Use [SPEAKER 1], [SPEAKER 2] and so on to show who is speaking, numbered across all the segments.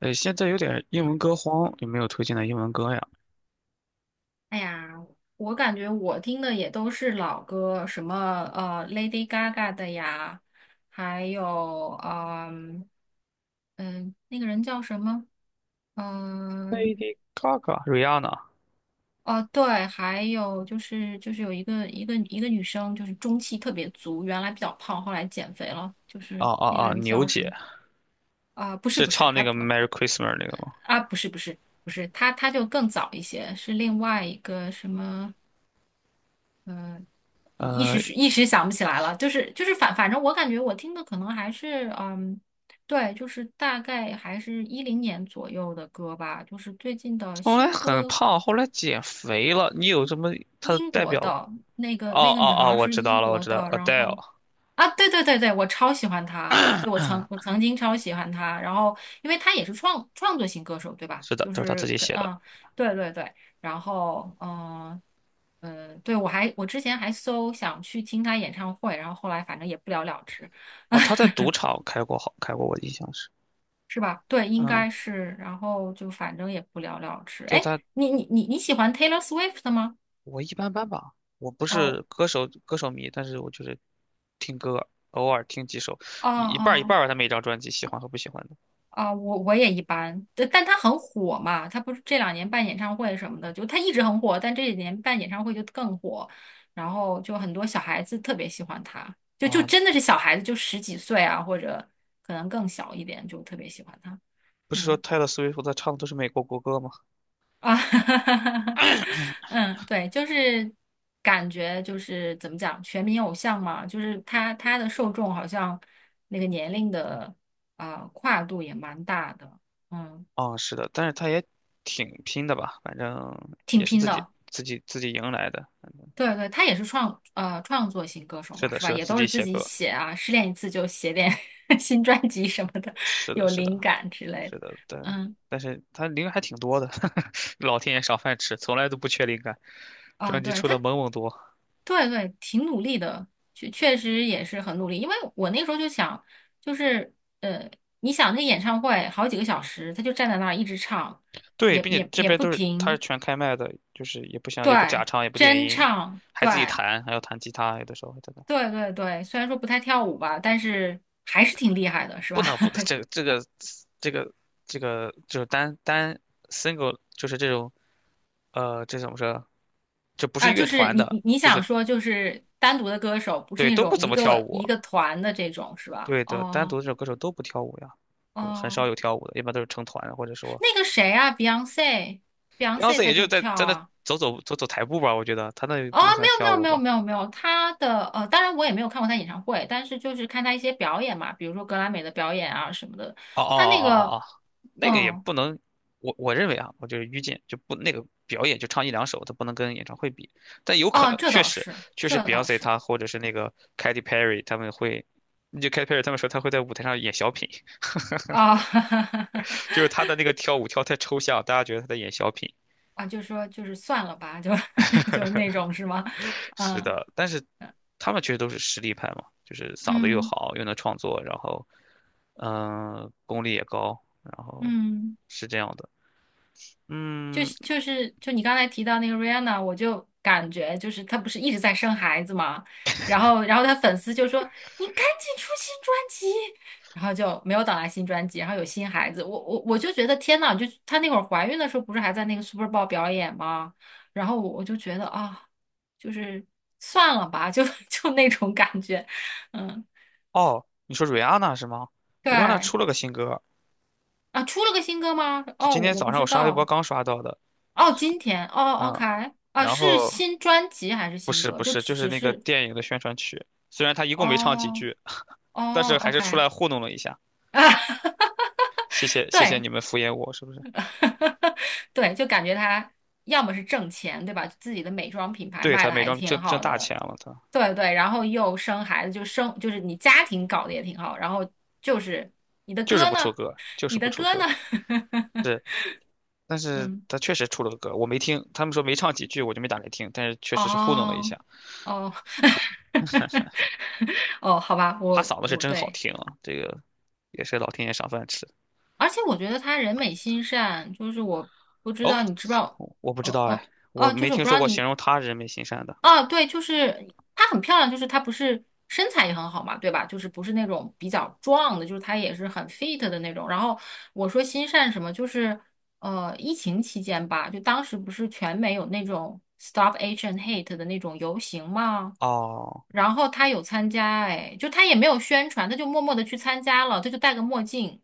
[SPEAKER 1] 现在有点英文歌荒，有没有推荐的英文歌呀
[SPEAKER 2] 哎呀，我感觉我听的也都是老歌，什么Lady Gaga 的呀，还有那个人叫什么？嗯、
[SPEAKER 1] ？Lady Gaga、Rihanna，
[SPEAKER 2] 哦对，还有就是有一个女生，就是中气特别足，原来比较胖，后来减肥了，就是那个人
[SPEAKER 1] 牛
[SPEAKER 2] 叫什么？
[SPEAKER 1] 姐
[SPEAKER 2] 啊、不是
[SPEAKER 1] 是
[SPEAKER 2] 不是，
[SPEAKER 1] 唱
[SPEAKER 2] 还
[SPEAKER 1] 那个
[SPEAKER 2] 不
[SPEAKER 1] 《Merry
[SPEAKER 2] 还
[SPEAKER 1] Christmas》那个吗？
[SPEAKER 2] 啊不是不是不是，她就更早一些，是另外一个什么？嗯。一
[SPEAKER 1] 呃，
[SPEAKER 2] 时是一时想不起来了，就是反正我感觉我听的可能还是对，就是大概还是一零年左右的歌吧，就是最近的
[SPEAKER 1] 后来
[SPEAKER 2] 新
[SPEAKER 1] 很
[SPEAKER 2] 歌，
[SPEAKER 1] 胖，后来减肥了。你有什么她的
[SPEAKER 2] 英
[SPEAKER 1] 代
[SPEAKER 2] 国
[SPEAKER 1] 表？
[SPEAKER 2] 的那个那个女孩
[SPEAKER 1] 哦，
[SPEAKER 2] 儿
[SPEAKER 1] 我
[SPEAKER 2] 是
[SPEAKER 1] 知道
[SPEAKER 2] 英
[SPEAKER 1] 了，我
[SPEAKER 2] 国
[SPEAKER 1] 知道
[SPEAKER 2] 的，然
[SPEAKER 1] ，Adele，
[SPEAKER 2] 后啊，对对对对，我超喜欢他，对，我曾经超喜欢他，然后因为他也是创作型歌手，对吧？
[SPEAKER 1] 是的，
[SPEAKER 2] 就
[SPEAKER 1] 都是她
[SPEAKER 2] 是
[SPEAKER 1] 自己
[SPEAKER 2] 跟
[SPEAKER 1] 写的。
[SPEAKER 2] 对对对，然后对我之前还想去听他演唱会，然后后来反正也不了了之，
[SPEAKER 1] 哦，她在 赌场开过好，开过，我印象是，
[SPEAKER 2] 是吧？对，应
[SPEAKER 1] 嗯，
[SPEAKER 2] 该是，然后就反正也不了了之。
[SPEAKER 1] 对
[SPEAKER 2] 哎，
[SPEAKER 1] 她，
[SPEAKER 2] 你喜欢 Taylor Swift 吗？
[SPEAKER 1] 我一般般吧。我不
[SPEAKER 2] 哦
[SPEAKER 1] 是歌手迷，但是我就是听歌，偶尔听几首，
[SPEAKER 2] 哦
[SPEAKER 1] 一半儿一
[SPEAKER 2] 哦。
[SPEAKER 1] 半儿吧。他每一张专辑喜欢和不喜欢的。
[SPEAKER 2] 啊，我也一般，但他很火嘛，他不是这两年办演唱会什么的，就他一直很火，但这几年办演唱会就更火，然后就很多小孩子特别喜欢他，就
[SPEAKER 1] 啊，
[SPEAKER 2] 真的是小孩子，就十几岁啊，或者可能更小一点，就特别喜欢他。
[SPEAKER 1] 不是说
[SPEAKER 2] 嗯
[SPEAKER 1] 泰勒·斯威夫特唱的都是美国国歌吗？
[SPEAKER 2] 啊，嗯，对，就是感觉就是怎么讲，全民偶像嘛，就是他的受众好像那个年龄的跨度也蛮大的，嗯，
[SPEAKER 1] 是的，但是他也挺拼的吧，反正
[SPEAKER 2] 挺
[SPEAKER 1] 也是
[SPEAKER 2] 拼
[SPEAKER 1] 自己
[SPEAKER 2] 的。
[SPEAKER 1] 自己自己迎来的。
[SPEAKER 2] 对对，他也是创作型歌手
[SPEAKER 1] 是
[SPEAKER 2] 嘛，
[SPEAKER 1] 的，
[SPEAKER 2] 是
[SPEAKER 1] 是
[SPEAKER 2] 吧？
[SPEAKER 1] 的，
[SPEAKER 2] 也
[SPEAKER 1] 自
[SPEAKER 2] 都
[SPEAKER 1] 己
[SPEAKER 2] 是自
[SPEAKER 1] 写
[SPEAKER 2] 己
[SPEAKER 1] 歌。
[SPEAKER 2] 写啊，失恋一次就写点 新专辑什么的，
[SPEAKER 1] 是 的，
[SPEAKER 2] 有
[SPEAKER 1] 是的，
[SPEAKER 2] 灵感之类的。
[SPEAKER 1] 是的，但
[SPEAKER 2] 嗯，
[SPEAKER 1] 但是他灵感还挺多的，老天爷赏饭吃，从来都不缺灵感。
[SPEAKER 2] 啊，
[SPEAKER 1] 专辑
[SPEAKER 2] 对，
[SPEAKER 1] 出的猛多，
[SPEAKER 2] 对对，挺努力的，确实也是很努力。因为我那时候就想，就是呃，你想那演唱会好几个小时，他就站在那儿一直唱，
[SPEAKER 1] 对，
[SPEAKER 2] 也
[SPEAKER 1] 并且
[SPEAKER 2] 也
[SPEAKER 1] 这
[SPEAKER 2] 也
[SPEAKER 1] 边
[SPEAKER 2] 不
[SPEAKER 1] 都是他是
[SPEAKER 2] 停，
[SPEAKER 1] 全开麦的，就是也不想也不假
[SPEAKER 2] 对，
[SPEAKER 1] 唱也不电
[SPEAKER 2] 真
[SPEAKER 1] 音，
[SPEAKER 2] 唱，
[SPEAKER 1] 还
[SPEAKER 2] 对
[SPEAKER 1] 自己弹，还要弹吉他，有的时候还在那。
[SPEAKER 2] 对对对。虽然说不太跳舞吧，但是还是挺厉害的，是
[SPEAKER 1] 不
[SPEAKER 2] 吧？
[SPEAKER 1] 能不的，这个这个就是单 single 就是这种这怎么说？就不是
[SPEAKER 2] 啊，
[SPEAKER 1] 乐
[SPEAKER 2] 就是
[SPEAKER 1] 团
[SPEAKER 2] 你你
[SPEAKER 1] 的，
[SPEAKER 2] 你
[SPEAKER 1] 就
[SPEAKER 2] 想
[SPEAKER 1] 是
[SPEAKER 2] 说就是单独的歌手，不是
[SPEAKER 1] 对
[SPEAKER 2] 那
[SPEAKER 1] 都不
[SPEAKER 2] 种
[SPEAKER 1] 怎
[SPEAKER 2] 一
[SPEAKER 1] 么跳
[SPEAKER 2] 个
[SPEAKER 1] 舞，
[SPEAKER 2] 一个团的这种是吧？
[SPEAKER 1] 对的，单
[SPEAKER 2] 哦
[SPEAKER 1] 独这种歌手都不跳舞呀，很少
[SPEAKER 2] 哦，
[SPEAKER 1] 有跳舞的，一般都是成团的，或者说
[SPEAKER 2] 那个谁啊，Beyonce，
[SPEAKER 1] Beyonce
[SPEAKER 2] 她
[SPEAKER 1] 也就
[SPEAKER 2] 就
[SPEAKER 1] 在
[SPEAKER 2] 跳
[SPEAKER 1] 在那
[SPEAKER 2] 啊。
[SPEAKER 1] 走台步吧，我觉得他那也
[SPEAKER 2] 哦，
[SPEAKER 1] 不能
[SPEAKER 2] 没
[SPEAKER 1] 算
[SPEAKER 2] 有没
[SPEAKER 1] 跳
[SPEAKER 2] 有
[SPEAKER 1] 舞
[SPEAKER 2] 没有
[SPEAKER 1] 吧。
[SPEAKER 2] 没有没有，她的当然我也没有看过她演唱会，但是就是看她一些表演嘛，比如说格莱美的表演啊什么的。
[SPEAKER 1] 哦哦
[SPEAKER 2] 她那
[SPEAKER 1] 哦哦
[SPEAKER 2] 个，
[SPEAKER 1] 哦哦，那个也
[SPEAKER 2] 嗯，
[SPEAKER 1] 不能，我认为啊，我就是愚见，就不那个表演就唱一两首，它不能跟演唱会比，但有可
[SPEAKER 2] 哦，
[SPEAKER 1] 能
[SPEAKER 2] 这
[SPEAKER 1] 确
[SPEAKER 2] 倒
[SPEAKER 1] 实
[SPEAKER 2] 是，
[SPEAKER 1] 确实
[SPEAKER 2] 这倒
[SPEAKER 1] Beyonce
[SPEAKER 2] 是
[SPEAKER 1] 他或者是那个 Katy Perry 他们会，就 Katy Perry 他们说他会在舞台上演小品，
[SPEAKER 2] 啊，
[SPEAKER 1] 就是他的那个跳舞跳太抽象，大家觉得他在演小品。
[SPEAKER 2] 啊，就说就是算了吧，就那种是吗？
[SPEAKER 1] 是
[SPEAKER 2] 嗯
[SPEAKER 1] 的，但是他们确实都是实力派嘛，就是嗓子又
[SPEAKER 2] 嗯。
[SPEAKER 1] 好，又能创作，然后功力也高，然后
[SPEAKER 2] 嗯，
[SPEAKER 1] 是这样的。
[SPEAKER 2] 就
[SPEAKER 1] 嗯，
[SPEAKER 2] 是就是就你刚才提到那个 Rihanna，我就感觉就是她不是一直在生孩子嘛，然后她粉丝就说你赶紧出新专辑，然后就没有等来新专辑，然后有新孩子，我就觉得天呐，就她那会儿怀孕的时候不是还在那个 Super Bowl 表演吗？然后我就觉得啊，就是算了吧，就那种感觉，嗯，
[SPEAKER 1] 哦，你说瑞安娜是吗？瑞安娜
[SPEAKER 2] 对
[SPEAKER 1] 出了个新歌，
[SPEAKER 2] 啊，出了个新歌吗？
[SPEAKER 1] 就
[SPEAKER 2] 哦，我
[SPEAKER 1] 今天
[SPEAKER 2] 我不
[SPEAKER 1] 早上我
[SPEAKER 2] 知
[SPEAKER 1] 刷微博
[SPEAKER 2] 道。
[SPEAKER 1] 刚刷到的。
[SPEAKER 2] 哦，今天哦
[SPEAKER 1] 嗯，
[SPEAKER 2] ，OK，啊，
[SPEAKER 1] 然
[SPEAKER 2] 是
[SPEAKER 1] 后
[SPEAKER 2] 新专辑还是
[SPEAKER 1] 不
[SPEAKER 2] 新
[SPEAKER 1] 是
[SPEAKER 2] 歌？
[SPEAKER 1] 不
[SPEAKER 2] 就
[SPEAKER 1] 是，
[SPEAKER 2] 只
[SPEAKER 1] 就是
[SPEAKER 2] 只
[SPEAKER 1] 那个
[SPEAKER 2] 是
[SPEAKER 1] 电影的宣传曲，虽然他一共没唱几
[SPEAKER 2] 哦
[SPEAKER 1] 句，但
[SPEAKER 2] 哦
[SPEAKER 1] 是还是
[SPEAKER 2] ，OK
[SPEAKER 1] 出
[SPEAKER 2] 啊，
[SPEAKER 1] 来糊弄了一下。谢谢你
[SPEAKER 2] 对
[SPEAKER 1] 们敷衍我，是不是？
[SPEAKER 2] 对，就感觉他要么是挣钱，对吧？自己的美妆品牌
[SPEAKER 1] 对，
[SPEAKER 2] 卖
[SPEAKER 1] 他
[SPEAKER 2] 的
[SPEAKER 1] 美
[SPEAKER 2] 还
[SPEAKER 1] 妆
[SPEAKER 2] 挺
[SPEAKER 1] 挣
[SPEAKER 2] 好
[SPEAKER 1] 大
[SPEAKER 2] 的，
[SPEAKER 1] 钱了，他
[SPEAKER 2] 对对，然后又生孩子，就是你家庭搞得也挺好，然后就是你的
[SPEAKER 1] 就是
[SPEAKER 2] 歌
[SPEAKER 1] 不出
[SPEAKER 2] 呢，
[SPEAKER 1] 歌，就 是
[SPEAKER 2] 你
[SPEAKER 1] 不
[SPEAKER 2] 的
[SPEAKER 1] 出
[SPEAKER 2] 歌呢，
[SPEAKER 1] 歌。是，但 是
[SPEAKER 2] 嗯，
[SPEAKER 1] 他确实出了个歌，我没听，他们说没唱几句，我就没打开听，但是确实是糊弄了一
[SPEAKER 2] 哦
[SPEAKER 1] 下。
[SPEAKER 2] 哦。哦，好吧，
[SPEAKER 1] 他
[SPEAKER 2] 我
[SPEAKER 1] 嗓子是
[SPEAKER 2] 我
[SPEAKER 1] 真好
[SPEAKER 2] 对，
[SPEAKER 1] 听啊，这个也是老天爷赏饭吃。
[SPEAKER 2] 而且我觉得她人美心善，就是我不知
[SPEAKER 1] 哦，
[SPEAKER 2] 道你知不知道，
[SPEAKER 1] 我不知
[SPEAKER 2] 嗯
[SPEAKER 1] 道哎，
[SPEAKER 2] 嗯
[SPEAKER 1] 我
[SPEAKER 2] 哦，就
[SPEAKER 1] 没
[SPEAKER 2] 是我
[SPEAKER 1] 听
[SPEAKER 2] 不知
[SPEAKER 1] 说
[SPEAKER 2] 道
[SPEAKER 1] 过形
[SPEAKER 2] 你
[SPEAKER 1] 容他人美心善的。
[SPEAKER 2] 哦，对，就是她很漂亮，就是她不是身材也很好嘛，对吧？就是不是那种比较壮的，就是她也是很 fit 的那种。然后我说心善什么，就是疫情期间吧，就当时不是全美有那种 Stop Age and Hate 的那种游行吗？
[SPEAKER 1] 哦
[SPEAKER 2] 然后他有参加，哎，就他也没有宣传，他就默默的去参加了，他就戴个墨镜，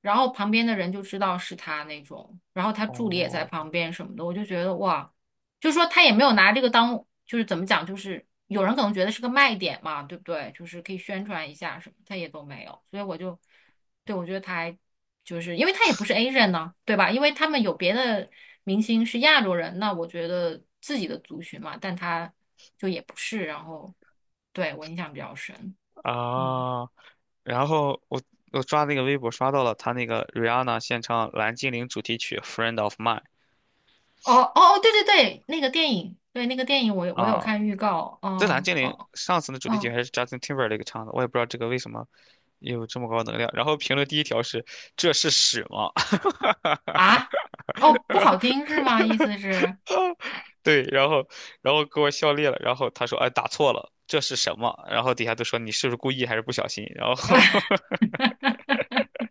[SPEAKER 2] 然后旁边的人就知道是他那种，然后他助理也在
[SPEAKER 1] 哦
[SPEAKER 2] 旁边什么的，我就觉得哇。就是说他也没有拿这个当，就是怎么讲，就是有人可能觉得是个卖点嘛，对不对？就是可以宣传一下什么，他也都没有，所以我就，对，我觉得他还就是因为他也不是 Asian 呢，对吧？因为他们有别的明星是亚洲人，那我觉得自己的族群嘛，但他就也不是，然后对我印象比较深，嗯，
[SPEAKER 1] 啊！然后我刷那个微博刷到了他那个 Rihanna 献唱《蓝精灵》主题曲《Friend of Mine》
[SPEAKER 2] 哦哦哦，对对对，那个电影，对那个电影我有
[SPEAKER 1] 啊，
[SPEAKER 2] 看预告，
[SPEAKER 1] 这《蓝
[SPEAKER 2] 哦
[SPEAKER 1] 精灵》
[SPEAKER 2] 哦
[SPEAKER 1] 上次的主题曲
[SPEAKER 2] 哦
[SPEAKER 1] 还是 Justin Timberlake 唱的，我也不知道这个为什么有这么高能量。然后评论第一条是这是屎吗？
[SPEAKER 2] 啊。哦，不好听是吗？意思是，
[SPEAKER 1] 对，然后给我笑裂了。然后他说：“哎，打错了，这是什么？”然后底下都说你是不是故意还是不小心？然后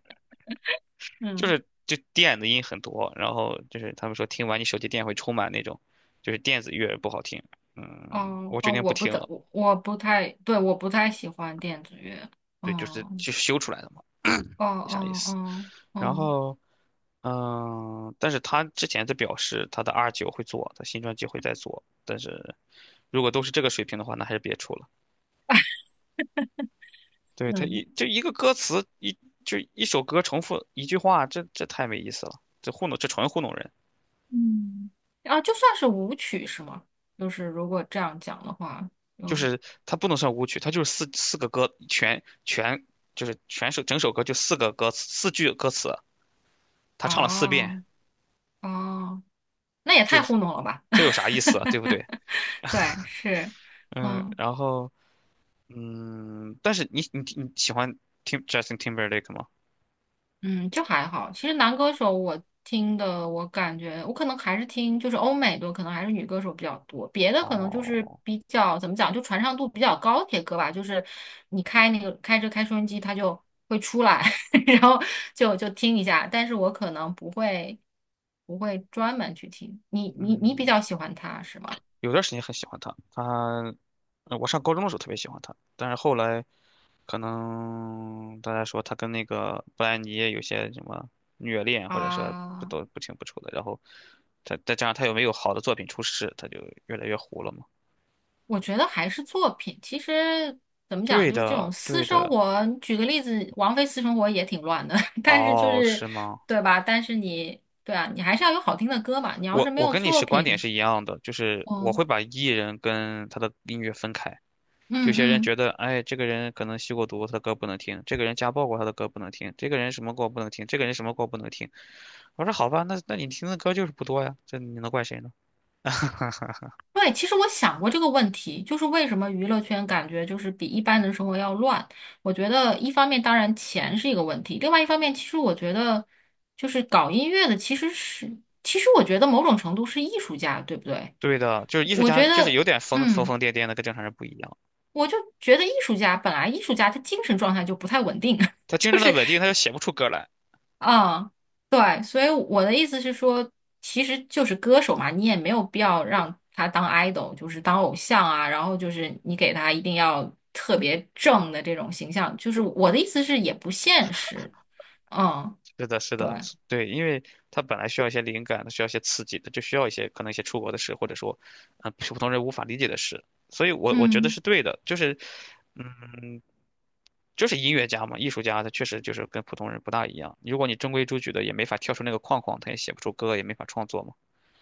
[SPEAKER 2] 嗯，
[SPEAKER 1] 就电子音很多，然后就是他们说听完你手机电会充满那种，就是电子乐不好听。嗯，
[SPEAKER 2] 哦
[SPEAKER 1] 我决
[SPEAKER 2] 哦，
[SPEAKER 1] 定不听了。
[SPEAKER 2] 我不太，对，我不太喜欢电子乐。
[SPEAKER 1] 对，
[SPEAKER 2] 嗯，
[SPEAKER 1] 就修出来的嘛，
[SPEAKER 2] 哦
[SPEAKER 1] 没啥意
[SPEAKER 2] 哦
[SPEAKER 1] 思。
[SPEAKER 2] 哦，
[SPEAKER 1] 然
[SPEAKER 2] 嗯
[SPEAKER 1] 后，嗯，但是他之前在表示他的 R 九会做，他新专辑会再做，但是如果都是这个水平的话，那还是别出了。对，他一
[SPEAKER 2] 嗯，
[SPEAKER 1] 就一个歌词一就一首歌重复一句话，这太没意思了，这糊弄这纯糊弄人。
[SPEAKER 2] 嗯，啊，就算是舞曲是吗？就是如果这样讲的话，
[SPEAKER 1] 就
[SPEAKER 2] 就
[SPEAKER 1] 是它不能算舞曲，它就是四四个歌全全就是全首整首歌就四个歌词四句歌词，他唱了四遍，
[SPEAKER 2] 哦哦，那也
[SPEAKER 1] 就
[SPEAKER 2] 太
[SPEAKER 1] 是
[SPEAKER 2] 糊弄了吧？
[SPEAKER 1] 这有啥意思啊，对不对？
[SPEAKER 2] 对，是，
[SPEAKER 1] 嗯，
[SPEAKER 2] 嗯。
[SPEAKER 1] 然后嗯，但是你喜欢听 Justin Timberlake 吗？
[SPEAKER 2] 嗯，就还好。其实男歌手我听的，我感觉我可能还是听就是欧美多，可能还是女歌手比较多。别的可能就是
[SPEAKER 1] 哦，
[SPEAKER 2] 比较怎么讲，就传唱度比较高铁歌吧，就是你开那个开着开收音机，它就会出来，然后就听一下。但是我可能不会专门去听。你比
[SPEAKER 1] 嗯，
[SPEAKER 2] 较喜欢他是吗？
[SPEAKER 1] 有段时间很喜欢他，他，我上高中的时候特别喜欢他，但是后来可能大家说他跟那个布兰妮有些什么虐恋，或者说不
[SPEAKER 2] 啊。
[SPEAKER 1] 都不清不楚的，然后他再加上又没有好的作品出世，他就越来越糊了嘛。
[SPEAKER 2] 我觉得还是作品。其实怎么讲，
[SPEAKER 1] 对
[SPEAKER 2] 就是这种
[SPEAKER 1] 的，
[SPEAKER 2] 私
[SPEAKER 1] 对
[SPEAKER 2] 生
[SPEAKER 1] 的，
[SPEAKER 2] 活，举个例子，王菲私生活也挺乱的，但是就
[SPEAKER 1] 哦，
[SPEAKER 2] 是
[SPEAKER 1] 是吗？
[SPEAKER 2] 对吧？但是你对啊，你还是要有好听的歌嘛。你要是
[SPEAKER 1] 我
[SPEAKER 2] 没
[SPEAKER 1] 我
[SPEAKER 2] 有
[SPEAKER 1] 跟你
[SPEAKER 2] 作
[SPEAKER 1] 是观点
[SPEAKER 2] 品，
[SPEAKER 1] 是一样的，就是我会
[SPEAKER 2] 嗯
[SPEAKER 1] 把艺人跟他的音乐分开。
[SPEAKER 2] 嗯
[SPEAKER 1] 有些人
[SPEAKER 2] 嗯，
[SPEAKER 1] 觉得，哎，这个人可能吸过毒，他的歌不能听；这个人家暴过，他的歌不能听；这个人什么过不能听；这个人什么过不能听。我说好吧，那你听的歌就是不多呀，这你能怪谁呢？
[SPEAKER 2] 对。其实我想过这个问题，就是为什么娱乐圈感觉就是比一般的生活要乱？我觉得一方面当然钱是一个问题，另外一方面其实我觉得就是搞音乐的其实是，其实我觉得某种程度是艺术家，对不对？
[SPEAKER 1] 对的，就是艺术
[SPEAKER 2] 我
[SPEAKER 1] 家，
[SPEAKER 2] 觉
[SPEAKER 1] 就是
[SPEAKER 2] 得。
[SPEAKER 1] 有点疯疯
[SPEAKER 2] 嗯。
[SPEAKER 1] 疯癫癫的，跟正常人不一样。
[SPEAKER 2] 我就觉得艺术家本来艺术家他精神状态就不太稳定啊，
[SPEAKER 1] 他 真
[SPEAKER 2] 就
[SPEAKER 1] 正的
[SPEAKER 2] 是
[SPEAKER 1] 稳定，他就写不出歌来。
[SPEAKER 2] 嗯，对，所以我的意思是说，其实就是歌手嘛，你也没有必要让他当 idol，就是当偶像啊，然后就是你给他一定要特别正的这种形象，就是我的意思是也不现实，嗯，
[SPEAKER 1] 是的，是
[SPEAKER 2] 对，
[SPEAKER 1] 的，是对，因为他本来需要一些灵感，他需要一些刺激，他就需要一些可能一些出国的事，或者说，普通人无法理解的事。所以我觉得
[SPEAKER 2] 嗯
[SPEAKER 1] 是对的，就是，嗯，就是音乐家嘛，艺术家，他确实就是跟普通人不大一样。如果你中规中矩的，也没法跳出那个框框，他也写不出歌，也没法创作嘛。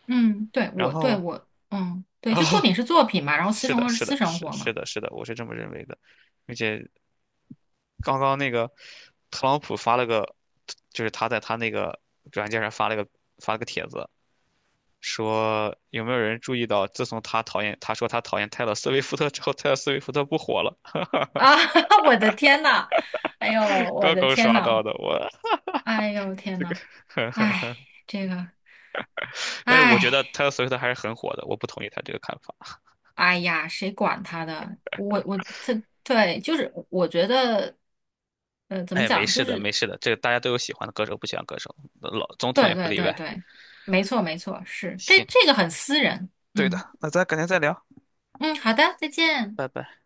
[SPEAKER 2] 嗯，对
[SPEAKER 1] 然
[SPEAKER 2] 我对
[SPEAKER 1] 后，
[SPEAKER 2] 我嗯对，
[SPEAKER 1] 然后，
[SPEAKER 2] 就作 品是作品嘛，然后私
[SPEAKER 1] 是
[SPEAKER 2] 生
[SPEAKER 1] 的，
[SPEAKER 2] 活是
[SPEAKER 1] 是
[SPEAKER 2] 私
[SPEAKER 1] 的，
[SPEAKER 2] 生
[SPEAKER 1] 是
[SPEAKER 2] 活嘛，
[SPEAKER 1] 是的，是的，我是这么认为的。并且刚刚那个特朗普发了个，就是他在他那个软件上发了个帖子，说有没有人注意到，自从他讨厌他说他讨厌泰勒·斯威夫特之后，泰勒·斯威夫特不火了。
[SPEAKER 2] 啊，我的天呐，哎呦，我
[SPEAKER 1] 刚
[SPEAKER 2] 的
[SPEAKER 1] 刚
[SPEAKER 2] 天
[SPEAKER 1] 刷到
[SPEAKER 2] 呐！
[SPEAKER 1] 的，我
[SPEAKER 2] 哎呦天
[SPEAKER 1] 这个，
[SPEAKER 2] 呐，哎，这个，
[SPEAKER 1] 但是我觉得
[SPEAKER 2] 哎，
[SPEAKER 1] 泰勒·斯威夫特还是很火的，我不同意他这个看法。
[SPEAKER 2] 哎呀，谁管他的？我这对，就是我觉得，怎么
[SPEAKER 1] 哎，没
[SPEAKER 2] 讲？就
[SPEAKER 1] 事的，
[SPEAKER 2] 是
[SPEAKER 1] 没事的，这个大家都有喜欢的歌手，不喜欢歌手，老总统
[SPEAKER 2] 对
[SPEAKER 1] 也不
[SPEAKER 2] 对
[SPEAKER 1] 例
[SPEAKER 2] 对
[SPEAKER 1] 外。
[SPEAKER 2] 对，没错没错，是这
[SPEAKER 1] 行，
[SPEAKER 2] 这个很私人。
[SPEAKER 1] 对的，
[SPEAKER 2] 嗯
[SPEAKER 1] 那咱改天再聊，
[SPEAKER 2] 嗯，好的，再见。
[SPEAKER 1] 拜拜。